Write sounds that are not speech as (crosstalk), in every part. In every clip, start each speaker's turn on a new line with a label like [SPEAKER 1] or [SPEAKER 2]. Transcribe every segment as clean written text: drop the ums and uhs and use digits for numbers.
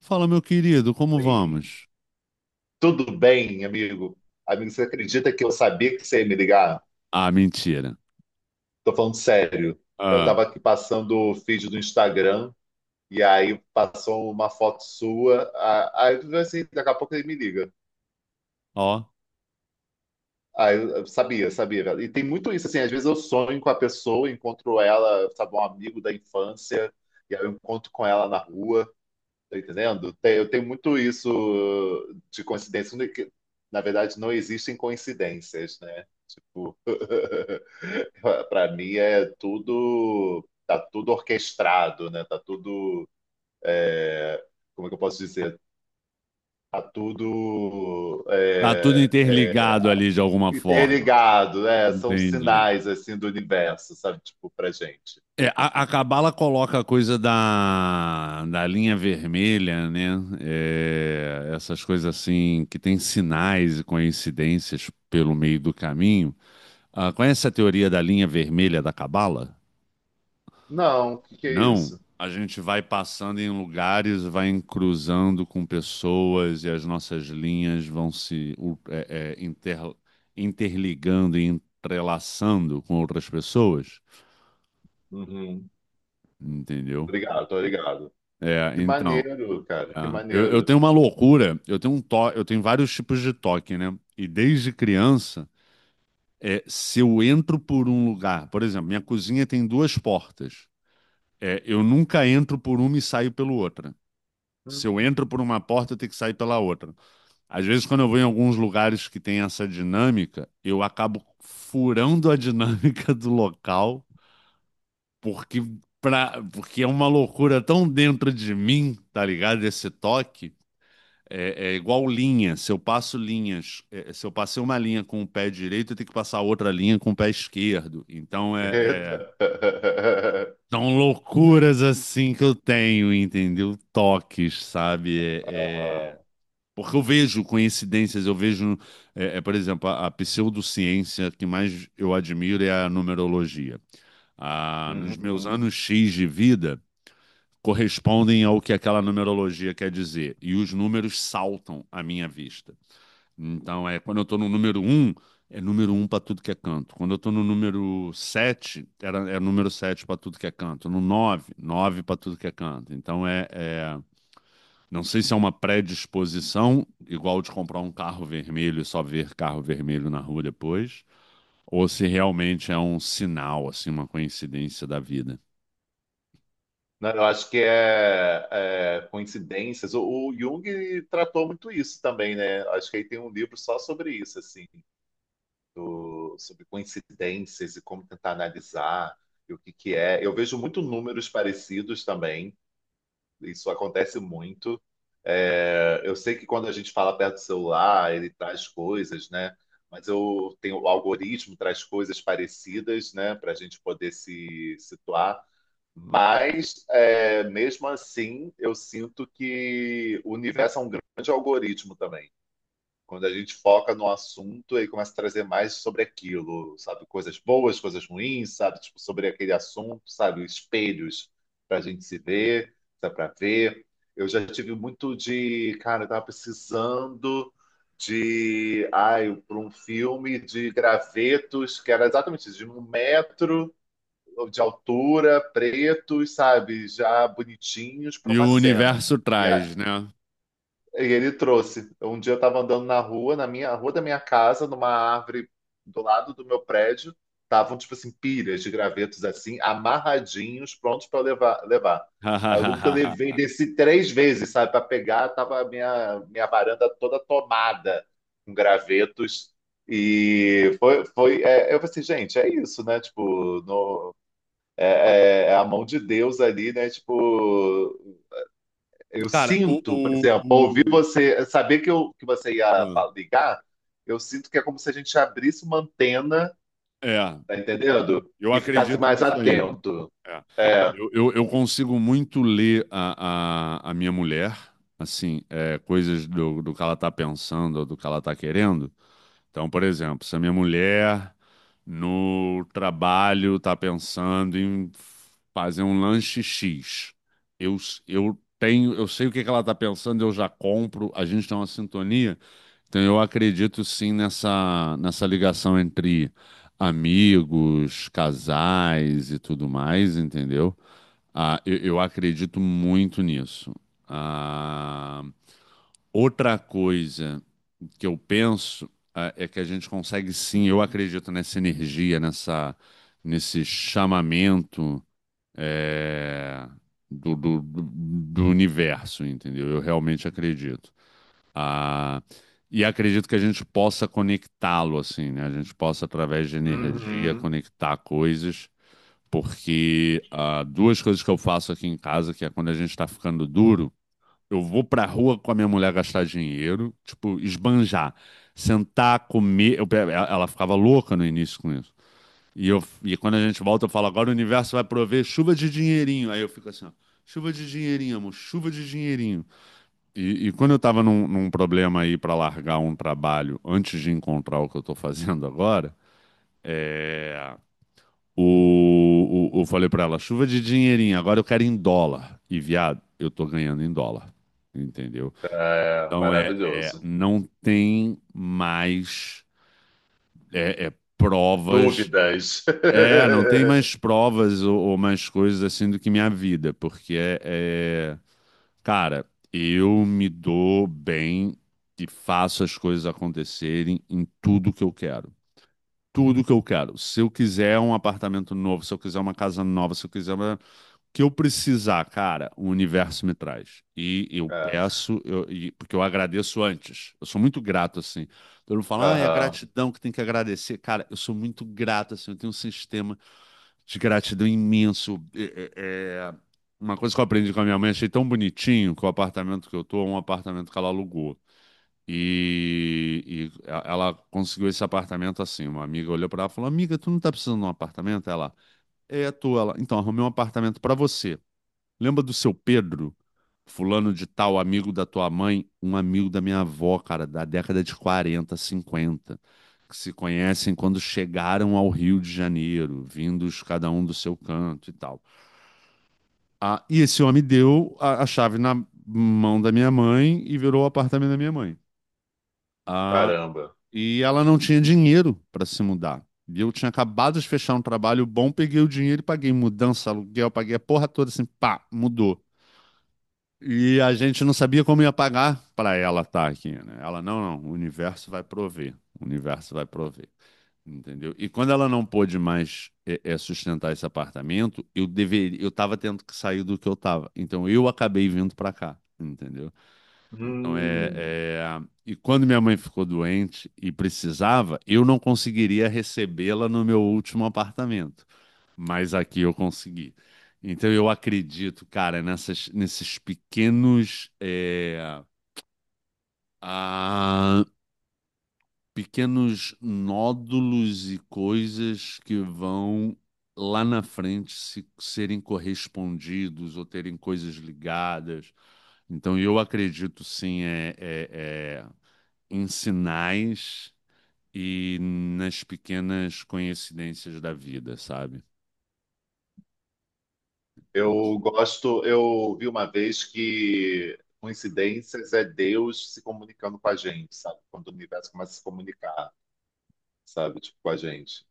[SPEAKER 1] Fala, meu querido, como
[SPEAKER 2] Oi,
[SPEAKER 1] vamos?
[SPEAKER 2] tudo bem, amigo? Amigo, você acredita que eu sabia que você ia me ligar?
[SPEAKER 1] Ah, mentira.
[SPEAKER 2] Tô falando sério. Eu
[SPEAKER 1] Ah,
[SPEAKER 2] tava aqui passando o feed do Instagram e aí passou uma foto sua. Aí eu falei assim, daqui a pouco ele me liga.
[SPEAKER 1] ó,
[SPEAKER 2] Aí eu sabia, sabia, velho. E tem muito isso, assim, às vezes eu sonho com a pessoa, encontro ela, sabe, um amigo da infância, e aí eu encontro com ela na rua. Tá entendendo? Eu tenho muito isso de coincidência, que, na verdade não existem coincidências, né? Tipo, (laughs) para mim é tudo, tá tudo orquestrado, né? Tá tudo, como é que eu posso dizer? Tá tudo
[SPEAKER 1] tá tudo interligado ali de alguma forma.
[SPEAKER 2] interligado, né? São
[SPEAKER 1] Entendi.
[SPEAKER 2] sinais assim do universo, sabe? Tipo, pra gente.
[SPEAKER 1] É, a Cabala coloca a coisa da linha vermelha, né? É, essas coisas assim que tem sinais e coincidências pelo meio do caminho. Ah, conhece a teoria da linha vermelha da Cabala?
[SPEAKER 2] Não, o que que é
[SPEAKER 1] Não,
[SPEAKER 2] isso?
[SPEAKER 1] a gente vai passando em lugares, vai cruzando com pessoas e as nossas linhas vão se u- é, é, inter- interligando e entrelaçando com outras pessoas,
[SPEAKER 2] Uhum.
[SPEAKER 1] entendeu?
[SPEAKER 2] Obrigado, obrigado.
[SPEAKER 1] É,
[SPEAKER 2] Que
[SPEAKER 1] então,
[SPEAKER 2] maneiro, cara,
[SPEAKER 1] é,
[SPEAKER 2] que
[SPEAKER 1] eu
[SPEAKER 2] maneiro.
[SPEAKER 1] tenho uma loucura, eu tenho vários tipos de toque, né? E desde criança, se eu entro por um lugar, por exemplo, minha cozinha tem duas portas. É, eu nunca entro por uma e saio pela outra. Se eu entro por uma porta, eu tenho que sair pela outra. Às vezes, quando eu vou em alguns lugares que tem essa dinâmica, eu acabo furando a (laughs) dinâmica do local, porque, porque é uma loucura tão dentro de mim, tá ligado? Esse toque. É, é igual linha. Se eu passo linhas, se eu passei uma linha com o pé direito, eu tenho que passar outra linha com o pé esquerdo. Então,
[SPEAKER 2] Eita. (laughs)
[SPEAKER 1] são loucuras assim que eu tenho, entendeu? Toques, sabe?
[SPEAKER 2] Ah,
[SPEAKER 1] Porque eu vejo coincidências, eu vejo, por exemplo, a pseudociência que mais eu admiro é a numerologia. Ah, nos meus
[SPEAKER 2] uhum.
[SPEAKER 1] anos X de vida, correspondem ao que aquela numerologia quer dizer. E os números saltam à minha vista. Então, é quando eu estou no número um é número um para tudo que é canto. Quando eu estou no número 7 era, é número 7 para tudo que é canto. No 9 9 para tudo que é canto. Então, não sei se é uma predisposição, igual de comprar um carro vermelho e só ver carro vermelho na rua depois, ou se realmente é um sinal, assim, uma coincidência da vida.
[SPEAKER 2] Não, eu acho que é coincidências. O Jung tratou muito isso também, né? Acho que aí tem um livro só sobre isso, assim, sobre coincidências e como tentar analisar e o que que é. Eu vejo muito números parecidos também. Isso acontece muito. É, eu sei que quando a gente fala perto do celular, ele traz coisas, né? Mas eu tenho, o algoritmo traz coisas parecidas, né? Para a gente poder se situar. Mas, é, mesmo assim, eu sinto que o universo é um grande algoritmo também. Quando a gente foca no assunto e começa a trazer mais sobre aquilo, sabe? Coisas boas, coisas ruins, sabe? Tipo, sobre aquele assunto, sabe? Espelhos para a gente se ver, para ver. Eu já tive muito de, cara, eu tava precisando de, ai, para um filme de gravetos, que era exatamente isso, de um metro de altura, pretos, sabe, já bonitinhos para
[SPEAKER 1] E
[SPEAKER 2] uma
[SPEAKER 1] o
[SPEAKER 2] cena.
[SPEAKER 1] universo
[SPEAKER 2] E, a-
[SPEAKER 1] traz, né?
[SPEAKER 2] e ele trouxe. Um dia eu estava andando na rua, na minha a rua da minha casa, numa árvore do lado do meu prédio, estavam tipo assim pilhas de gravetos assim, amarradinhos, prontos para levar, levar. Aí eu lembro que eu levei
[SPEAKER 1] (laughs)
[SPEAKER 2] desci três vezes, sabe, para pegar, tava a minha varanda toda tomada com gravetos. E foi, foi, eu falei assim, gente, é isso, né? Tipo, no, é a mão de Deus ali, né? Tipo, eu
[SPEAKER 1] Cara, o,
[SPEAKER 2] sinto, por exemplo, ao ouvir
[SPEAKER 1] o,
[SPEAKER 2] você, saber que, eu, que você
[SPEAKER 1] o- ah,
[SPEAKER 2] ligar, eu sinto que é como se a gente abrisse uma antena,
[SPEAKER 1] é,
[SPEAKER 2] tá entendendo?
[SPEAKER 1] eu
[SPEAKER 2] E ficasse
[SPEAKER 1] acredito
[SPEAKER 2] mais
[SPEAKER 1] nisso aí.
[SPEAKER 2] atento.
[SPEAKER 1] É.
[SPEAKER 2] É.
[SPEAKER 1] Eu consigo muito ler a minha mulher, assim, é, coisas do que ela tá pensando ou do que ela tá querendo. Então, por exemplo, se a minha mulher no trabalho está pensando em fazer um lanche X, eu, eu tenho, eu sei o que que ela está pensando, eu já compro, a gente tem uma sintonia. Então, eu acredito sim nessa, nessa ligação entre amigos, casais e tudo mais, entendeu? Ah, eu acredito muito nisso. Ah, outra coisa que eu penso é que a gente consegue sim, eu acredito nessa energia, nessa, nesse chamamento eh, do, do, do do universo, entendeu? Eu realmente acredito. Ah, e acredito que a gente possa conectá-lo, assim, né? A gente possa, através de energia,
[SPEAKER 2] Uhum.
[SPEAKER 1] conectar coisas, porque duas coisas que eu faço aqui em casa, que é quando a gente está ficando duro. Eu vou pra rua com a minha mulher gastar dinheiro, tipo, esbanjar, sentar, comer. Ela ficava louca no início com isso. E quando a gente volta, eu falo, agora o universo vai prover chuva de dinheirinho. Aí eu fico assim, ó, chuva de dinheirinho, amor, chuva de dinheirinho. E quando eu tava num problema aí pra largar um trabalho antes de encontrar o que eu tô fazendo agora, é, eu falei pra ela, chuva de dinheirinho, agora eu quero em dólar. E, viado, eu tô ganhando em dólar. Entendeu?
[SPEAKER 2] É,
[SPEAKER 1] Então
[SPEAKER 2] maravilhoso.
[SPEAKER 1] não tem mais provas.
[SPEAKER 2] Dúvidas.
[SPEAKER 1] É, não tem mais
[SPEAKER 2] (laughs)
[SPEAKER 1] provas ou mais coisas assim do que minha vida, cara, eu me dou bem e faço as coisas acontecerem em tudo que eu quero. Tudo que eu quero. Se eu quiser um apartamento novo, se eu quiser uma casa nova, se eu quiser que eu precisar, cara, o universo me traz. E eu
[SPEAKER 2] É.
[SPEAKER 1] peço, porque eu agradeço antes. Eu sou muito grato, assim. Todo mundo fala, ah, é
[SPEAKER 2] Aham.
[SPEAKER 1] gratidão que tem que agradecer. Cara, eu sou muito grato, assim. Eu tenho um sistema de gratidão imenso. Uma coisa que eu aprendi com a minha mãe, achei tão bonitinho que o apartamento que eu tô é um apartamento que ela alugou. Ela conseguiu esse apartamento assim. Uma amiga olhou pra ela e falou: Amiga, tu não tá precisando de um apartamento? Ela, é, tô. Ela, então, arrumei um apartamento pra você. Lembra do seu Pedro, fulano de tal, amigo da tua mãe, um amigo da minha avó, cara, da década de 40 50 que se conhecem quando chegaram ao Rio de Janeiro, vindos cada um do seu canto e tal. Ah, e esse homem deu a chave na mão da minha mãe e virou o apartamento da minha mãe. Ah,
[SPEAKER 2] Caramba.
[SPEAKER 1] e ela não tinha dinheiro para se mudar. E eu tinha acabado de fechar um trabalho bom, peguei o dinheiro e paguei mudança, aluguel, paguei a porra toda assim, pá, mudou. E a gente não sabia como ia pagar para ela estar aqui, né? Ela, não, não, o universo vai prover, o universo vai prover, entendeu? E quando ela não pôde mais sustentar esse apartamento, eu deveria, eu estava tendo que sair do que eu estava, então eu acabei vindo para cá, entendeu? Então é,
[SPEAKER 2] Hum.
[SPEAKER 1] é, e quando minha mãe ficou doente e precisava, eu não conseguiria recebê-la no meu último apartamento mas aqui eu consegui. Então eu acredito, cara, nessas, nesses pequenos, ah, pequenos nódulos e coisas que vão lá na frente se, serem correspondidos ou terem coisas ligadas. Então eu acredito sim em sinais e nas pequenas coincidências da vida, sabe?
[SPEAKER 2] Eu gosto, eu vi uma vez que coincidências é Deus se comunicando com a gente, sabe? Quando o universo começa a se comunicar. Sabe? Tipo, com a gente.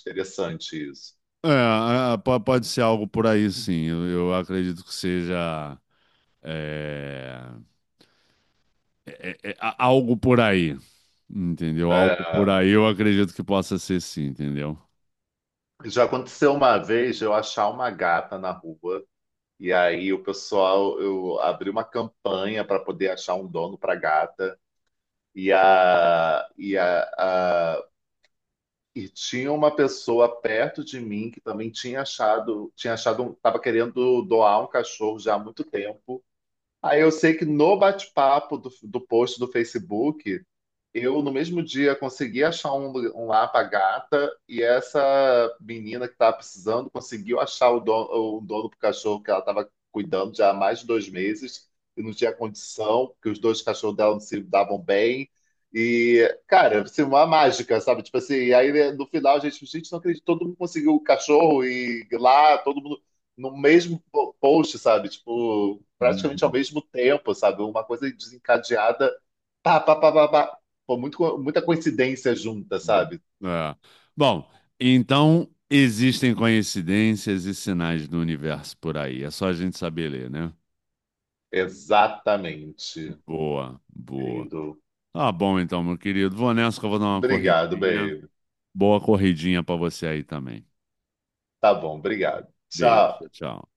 [SPEAKER 2] Interessante isso.
[SPEAKER 1] É, pode ser algo por aí, sim. Eu acredito que seja é, algo por aí, entendeu? Algo por
[SPEAKER 2] É,
[SPEAKER 1] aí, eu acredito que possa ser sim, entendeu?
[SPEAKER 2] já aconteceu uma vez eu achar uma gata na rua, e aí o pessoal, eu abri uma campanha para poder achar um dono para gata, e, a, e, a, a- e tinha uma pessoa perto de mim que também tinha achado, tava querendo doar um cachorro já há muito tempo. Aí eu sei que no bate-papo do post do Facebook, eu, no mesmo dia, consegui achar um, um Lapa Gata e essa menina que estava precisando conseguiu achar o dono pro cachorro que ela estava cuidando já há mais de dois meses e não tinha condição, porque os dois cachorros dela não se davam bem. E, cara, assim, uma mágica, sabe? Tipo assim, e aí né, no final a gente, gente, não acredito, todo mundo conseguiu o cachorro e lá, todo mundo no mesmo post, sabe? Tipo, praticamente ao
[SPEAKER 1] Uhum.
[SPEAKER 2] mesmo tempo, sabe? Uma coisa desencadeada. Pá, pá, pá, pá, pá. Pô, muito, muita coincidência junta, sabe?
[SPEAKER 1] É. Bom, então existem coincidências e sinais do universo por aí. É só a gente saber ler, né?
[SPEAKER 2] Exatamente,
[SPEAKER 1] Boa, boa.
[SPEAKER 2] querido.
[SPEAKER 1] Tá bom então, meu querido. Vou nessa que eu vou dar uma
[SPEAKER 2] Obrigado,
[SPEAKER 1] corridinha.
[SPEAKER 2] baby.
[SPEAKER 1] Boa corridinha pra você aí também.
[SPEAKER 2] Tá bom, obrigado.
[SPEAKER 1] Beijo,
[SPEAKER 2] Tchau.
[SPEAKER 1] tchau.